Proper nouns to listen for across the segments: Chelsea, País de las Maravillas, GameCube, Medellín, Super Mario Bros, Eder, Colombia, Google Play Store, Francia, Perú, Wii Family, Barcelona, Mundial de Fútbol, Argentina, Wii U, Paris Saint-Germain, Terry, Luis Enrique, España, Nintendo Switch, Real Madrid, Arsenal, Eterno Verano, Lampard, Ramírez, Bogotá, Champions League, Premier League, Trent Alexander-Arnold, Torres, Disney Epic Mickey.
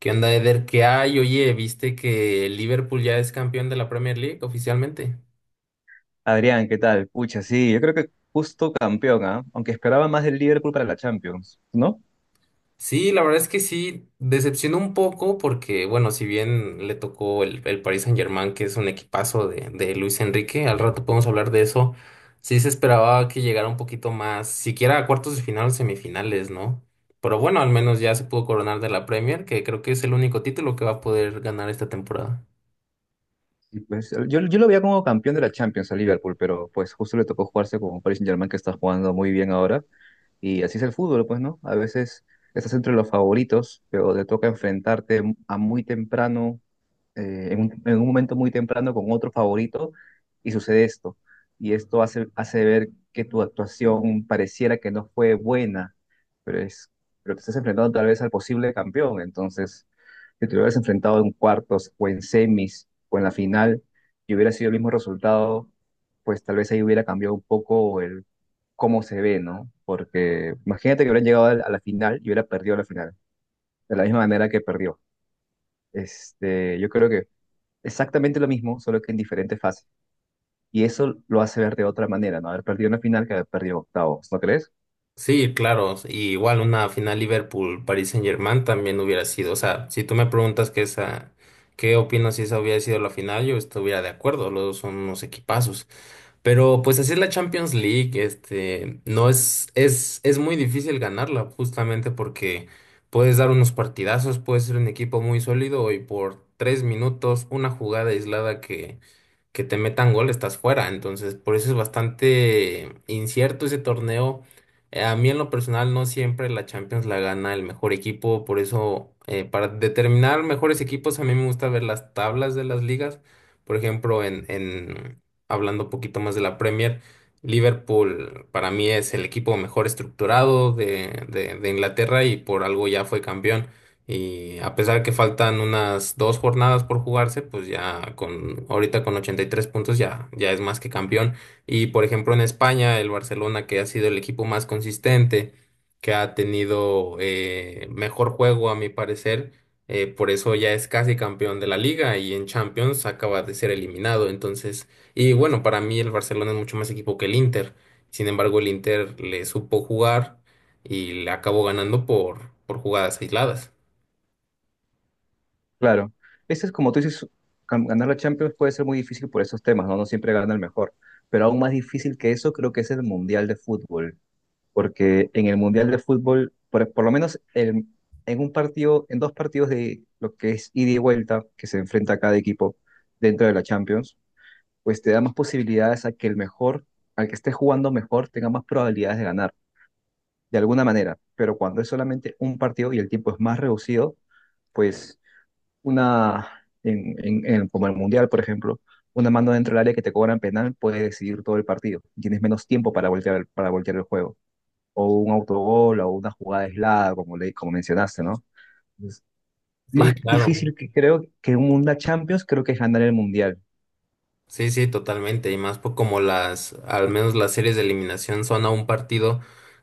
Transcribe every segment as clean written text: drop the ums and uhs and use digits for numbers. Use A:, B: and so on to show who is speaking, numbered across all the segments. A: ¿Qué onda, Eder? ¿Qué hay? Oye, ¿viste que el Liverpool ya es campeón de la Premier League oficialmente?
B: Adrián, ¿qué tal? Pucha, sí, yo creo que justo campeón, ¿ah? Aunque esperaba más del Liverpool para la Champions, ¿no?
A: Sí, la verdad es que sí, decepcionó un poco porque, bueno, si bien le tocó el Paris Saint-Germain, que es un equipazo de Luis Enrique, al rato podemos hablar de eso, sí se esperaba que llegara un poquito más, siquiera a cuartos de final o semifinales, ¿no? Pero bueno, al menos ya se pudo coronar de la Premier, que creo que es el único título que va a poder ganar esta temporada.
B: Y pues, yo lo veía como campeón de la Champions al Liverpool, pero pues justo le tocó jugarse con un Paris Saint-Germain que está jugando muy bien ahora. Y así es el fútbol, pues, ¿no? A veces estás entre los favoritos, pero te toca enfrentarte a muy temprano en un momento muy temprano con otro favorito y sucede esto. Y esto hace ver que tu actuación pareciera que no fue buena, pero, es, pero te estás enfrentando tal vez al posible campeón. Entonces, si te hubieras enfrentado en cuartos o en semis o en la final y hubiera sido el mismo resultado, pues tal vez ahí hubiera cambiado un poco el cómo se ve, ¿no? Porque imagínate que hubiera llegado a la final y hubiera perdido la final, de la misma manera que perdió. Yo creo que exactamente lo mismo, solo que en diferentes fases. Y eso lo hace ver de otra manera, ¿no? Haber perdido una final que haber perdido octavos, ¿no crees?
A: Sí, claro, y igual una final Liverpool-Paris Saint-Germain también hubiera sido, o sea, si tú me preguntas que esa, qué opino si esa hubiera sido la final, yo estuviera de acuerdo, los dos son unos equipazos, pero pues así es la Champions League, este, no es, es muy difícil ganarla justamente porque puedes dar unos partidazos, puedes ser un equipo muy sólido y por tres minutos una jugada aislada que te metan gol, estás fuera. Entonces, por eso es bastante incierto ese torneo. A mí en lo personal no siempre la Champions la gana el mejor equipo, por eso para determinar mejores equipos a mí me gusta ver las tablas de las ligas. Por ejemplo, en hablando un poquito más de la Premier, Liverpool para mí es el equipo mejor estructurado de Inglaterra y por algo ya fue campeón. Y a pesar que faltan unas dos jornadas por jugarse, pues ya con ahorita con 83 puntos ya, ya es más que campeón. Y por ejemplo en España, el Barcelona, que ha sido el equipo más consistente, que ha tenido mejor juego a mi parecer, por eso ya es casi campeón de la liga y en Champions acaba de ser eliminado. Entonces, y bueno, para mí el Barcelona es mucho más equipo que el Inter. Sin embargo, el Inter le supo jugar y le acabó ganando por jugadas aisladas.
B: Claro. Eso es como tú dices, ganar la Champions puede ser muy difícil por esos temas, ¿no? No siempre gana el mejor. Pero aún más difícil que eso creo que es el Mundial de Fútbol, porque en el Mundial de Fútbol, por lo menos en un partido, en dos partidos de lo que es ida y vuelta, que se enfrenta a cada equipo dentro de la Champions, pues te da más posibilidades a que el mejor, al que esté jugando mejor, tenga más probabilidades de ganar. De alguna manera, pero cuando es solamente un partido y el tiempo es más reducido, pues una, en- como el Mundial, por ejemplo, una mano dentro del área que te cobran penal puede decidir todo el partido. Tienes menos tiempo para voltear, para voltear el juego. O un autogol o una jugada aislada, como mencionaste, ¿no? Entonces,
A: Sí,
B: más
A: claro.
B: difícil que creo que un Mundial Champions, creo que es ganar el Mundial.
A: Sí, sí, totalmente. Y más por como las, al menos las series de eliminación son a un partido,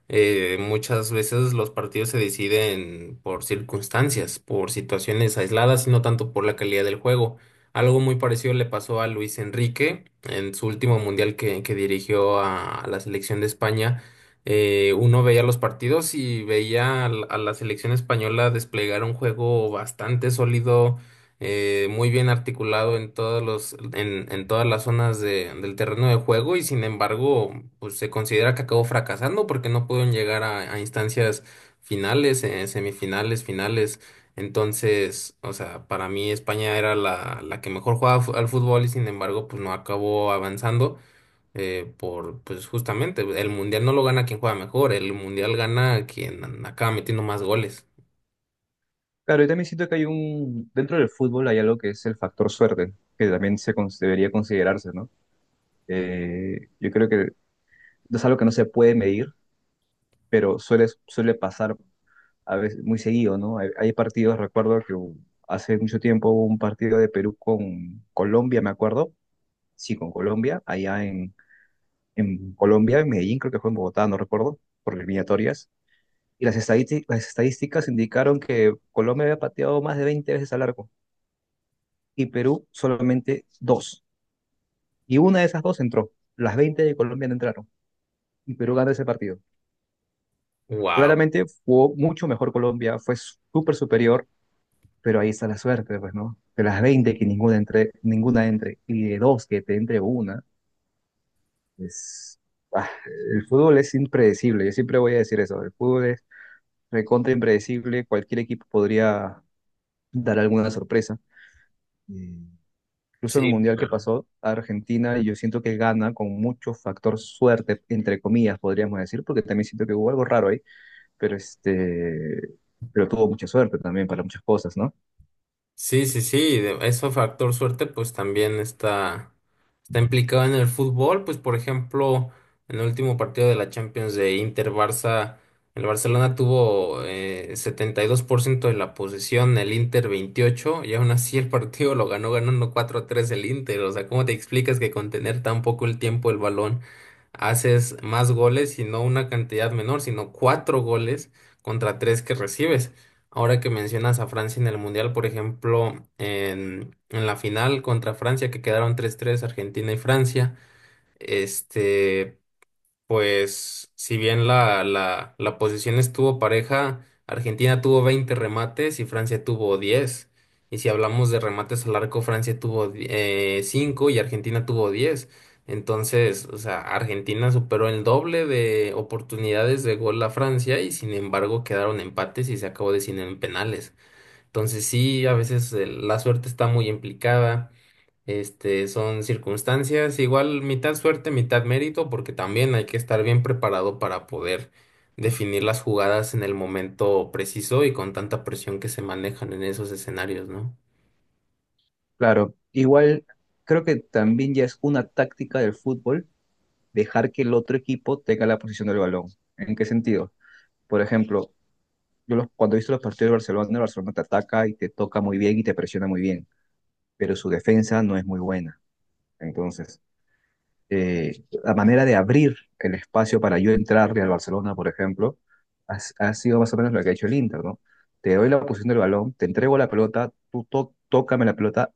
A: muchas veces los partidos se deciden por circunstancias, por situaciones aisladas y no tanto por la calidad del juego. Algo muy parecido le pasó a Luis Enrique en su último mundial que dirigió a la selección de España. Uno veía los partidos y veía a la selección española desplegar un juego bastante sólido, muy bien articulado en todos en todas las zonas del terreno de juego y sin embargo, pues se considera que acabó fracasando porque no pudieron llegar a instancias finales, semifinales, finales. Entonces, o sea, para mí España era la que mejor jugaba al fútbol y sin embargo, pues no acabó avanzando. Pues justamente, el mundial no lo gana quien juega mejor, el mundial gana quien acaba metiendo más goles.
B: Claro, yo también siento que dentro del fútbol hay algo que es el factor suerte, que también debería considerarse, ¿no? Yo creo que es algo que no se puede medir, pero suele pasar a veces muy seguido, ¿no? Hay partidos, recuerdo que hace mucho tiempo hubo un partido de Perú con Colombia, me acuerdo, sí, con Colombia, allá en Colombia, en Medellín, creo que fue en Bogotá, no recuerdo, por eliminatorias, y las estadísticas indicaron que Colombia había pateado más de 20 veces al arco y Perú solamente dos, y una de esas dos entró, las 20 de Colombia no entraron, y Perú ganó ese partido.
A: Wow.
B: Claramente jugó mucho mejor Colombia, fue súper superior, pero ahí está la suerte, pues, ¿no? De las 20 que ninguna entre, y de dos que te entre una, es... ah, el fútbol es impredecible, yo siempre voy a decir eso, el fútbol es recontra impredecible, cualquier equipo podría dar alguna sorpresa. Y incluso en el
A: Sí,
B: Mundial que
A: claro.
B: pasó, Argentina, yo siento que gana con mucho factor suerte, entre comillas, podríamos decir, porque también siento que hubo algo raro ahí, pero este, pero tuvo mucha suerte también para muchas cosas, ¿no?
A: Sí, sí, sí, eso factor suerte pues también está, está implicado en el fútbol, pues por ejemplo, en el último partido de la Champions de Inter-Barça, el Barcelona tuvo 72% de la posesión, el Inter 28, y aún así el partido lo ganó ganando cuatro a tres el Inter, o sea, ¿cómo te explicas que con tener tan poco el tiempo el balón haces más goles y no una cantidad menor, sino cuatro goles contra tres que recibes? Ahora que mencionas a Francia en el Mundial, por ejemplo, en la final contra Francia, que quedaron 3-3, Argentina y Francia, este, pues si bien la posición estuvo pareja, Argentina tuvo 20 remates y Francia tuvo 10. Y si hablamos de remates al arco, Francia tuvo 5 y Argentina tuvo 10. Entonces, o sea, Argentina superó el doble de oportunidades de gol a Francia y sin embargo quedaron empates y se acabó decidiendo en penales. Entonces sí, a veces la suerte está muy implicada, este, son circunstancias, igual mitad suerte, mitad mérito, porque también hay que estar bien preparado para poder definir las jugadas en el momento preciso y con tanta presión que se manejan en esos escenarios, ¿no?
B: Claro, igual creo que también ya es una táctica del fútbol dejar que el otro equipo tenga la posición del balón. ¿En qué sentido? Por ejemplo, cuando he visto los partidos de Barcelona, el Barcelona te ataca y te toca muy bien y te presiona muy bien, pero su defensa no es muy buena. Entonces, la manera de abrir el espacio para yo entrarle al Barcelona, por ejemplo, ha sido más o menos lo que ha hecho el Inter, ¿no? Te doy la posición del balón, te entrego la pelota, tú tócame la pelota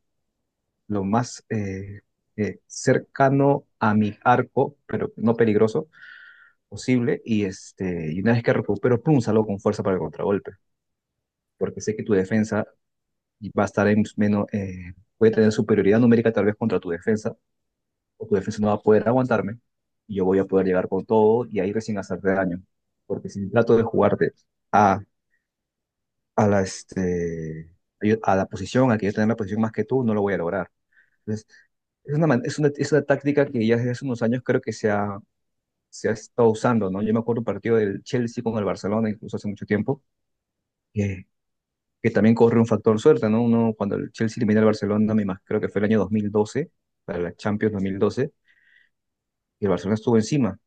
B: lo más cercano a mi arco, pero no peligroso, posible, y una vez que recupero, pum, salgo con fuerza para el contragolpe, porque sé que tu defensa va a estar en menos, puede tener superioridad numérica tal vez contra tu defensa, o tu defensa no va a poder aguantarme y yo voy a poder llegar con todo y ahí recién hacerte daño. Porque si trato de jugarte a, a, la, este, a la posición, a que yo tenga la posición más que tú, no lo voy a lograr. Entonces, es una, man- es una táctica que ya desde hace unos años creo que se ha estado usando, ¿no? Yo me acuerdo un partido del Chelsea con el Barcelona, incluso hace mucho tiempo, que, que también corre un factor suerte, ¿no? Uno, cuando el Chelsea elimina al Barcelona, creo que fue el año 2012, para la Champions 2012, y el Barcelona estuvo encima.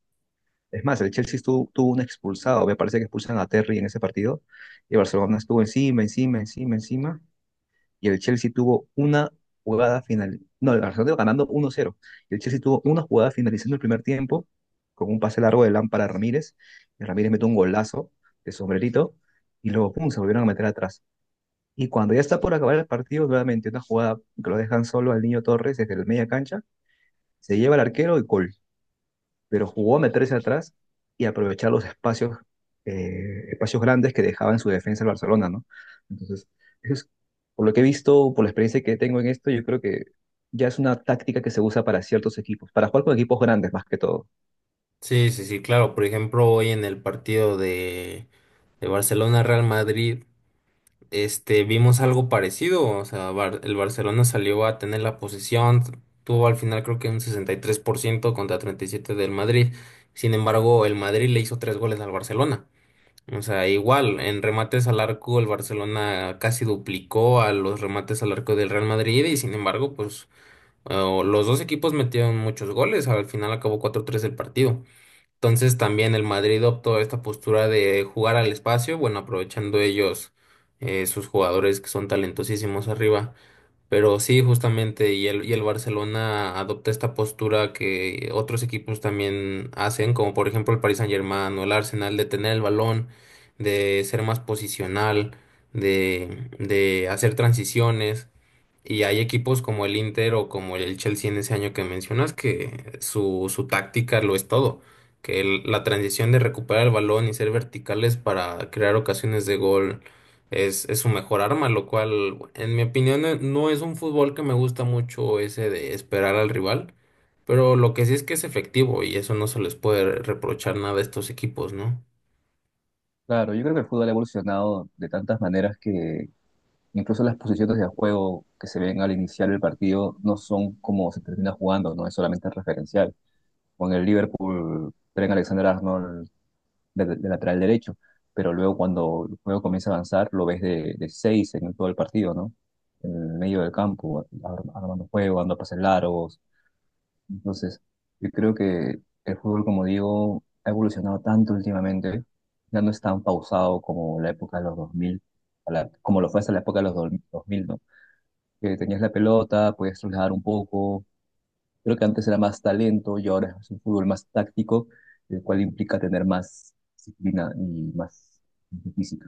B: Es más, el Chelsea tuvo un expulsado. Me parece que expulsan a Terry en ese partido. Y Barcelona estuvo encima, encima, encima, encima. Y el Chelsea tuvo una jugada final. No, el Barcelona iba ganando 1-0. Y el Chelsea tuvo una jugada finalizando el primer tiempo con un pase largo de Lampard a Ramírez. Y Ramírez metió un golazo de sombrerito. Y luego, pum, se volvieron a meter atrás. Y cuando ya está por acabar el partido, nuevamente una jugada que lo dejan solo al niño Torres desde la media cancha. Se lleva al arquero y gol, pero jugó a meterse atrás y aprovechar los espacios, espacios grandes que dejaba en su defensa el Barcelona, ¿no? Entonces, eso es, por lo que he visto, por la experiencia que tengo en esto, yo creo que ya es una táctica que se usa para ciertos equipos, para jugar con equipos grandes más que todo.
A: Sí, sí, sí, claro. Por ejemplo, hoy en el partido de Barcelona-Real Madrid, este, vimos algo parecido. O sea, el Barcelona salió a tener la posesión, tuvo al final creo que un 63% contra 37% del Madrid. Sin embargo, el Madrid le hizo tres goles al Barcelona. O sea, igual, en remates al arco, el Barcelona casi duplicó a los remates al arco del Real Madrid y sin embargo, pues los dos equipos metieron muchos goles. Al final acabó cuatro tres el partido. Entonces también el Madrid optó esta postura de jugar al espacio, bueno, aprovechando ellos sus jugadores que son talentosísimos arriba. Pero sí, justamente, y el Barcelona adopta esta postura que otros equipos también hacen, como por ejemplo el Paris Saint-Germain o el Arsenal, de tener el balón, de ser más posicional, de hacer transiciones. Y hay equipos como el Inter o como el Chelsea en ese año que mencionas que su táctica lo es todo. Que la transición de recuperar el balón y ser verticales para crear ocasiones de gol es su mejor arma, lo cual, en mi opinión, no es un fútbol que me gusta mucho ese de esperar al rival, pero lo que sí es que es efectivo y eso no se les puede reprochar nada a estos equipos, ¿no?
B: Claro, yo creo que el fútbol ha evolucionado de tantas maneras que incluso las posiciones de juego que se ven al iniciar el partido no son como se termina jugando, no es solamente referencial. Con el Liverpool, Trent Alexander-Arnold de lateral derecho, pero luego cuando el juego comienza a avanzar lo ves de seis en todo el partido, ¿no? En el medio del campo, armando juego, dando pases largos. Entonces, yo creo que el fútbol, como digo, ha evolucionado tanto últimamente, ya no es tan pausado como la época de los 2000, como lo fue hasta la época de los 2000, ¿no? Que tenías la pelota, podías trasladar un poco. Creo que antes era más talento y ahora es un fútbol más táctico, el cual implica tener más disciplina y más física.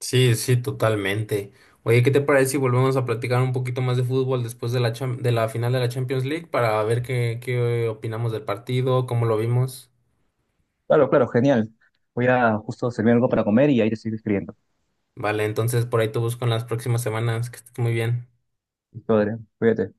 A: Sí, sí, totalmente. Oye, ¿qué te parece si volvemos a platicar un poquito más de fútbol después de la de la final de la Champions League para ver qué, qué opinamos del partido, cómo lo vimos?
B: Claro, claro, genial. Voy a justo servir algo para comer y ahí te sigo escribiendo.
A: Vale, entonces por ahí te busco en las próximas semanas. Que estés muy bien.
B: Listo, Adrián, cuídate.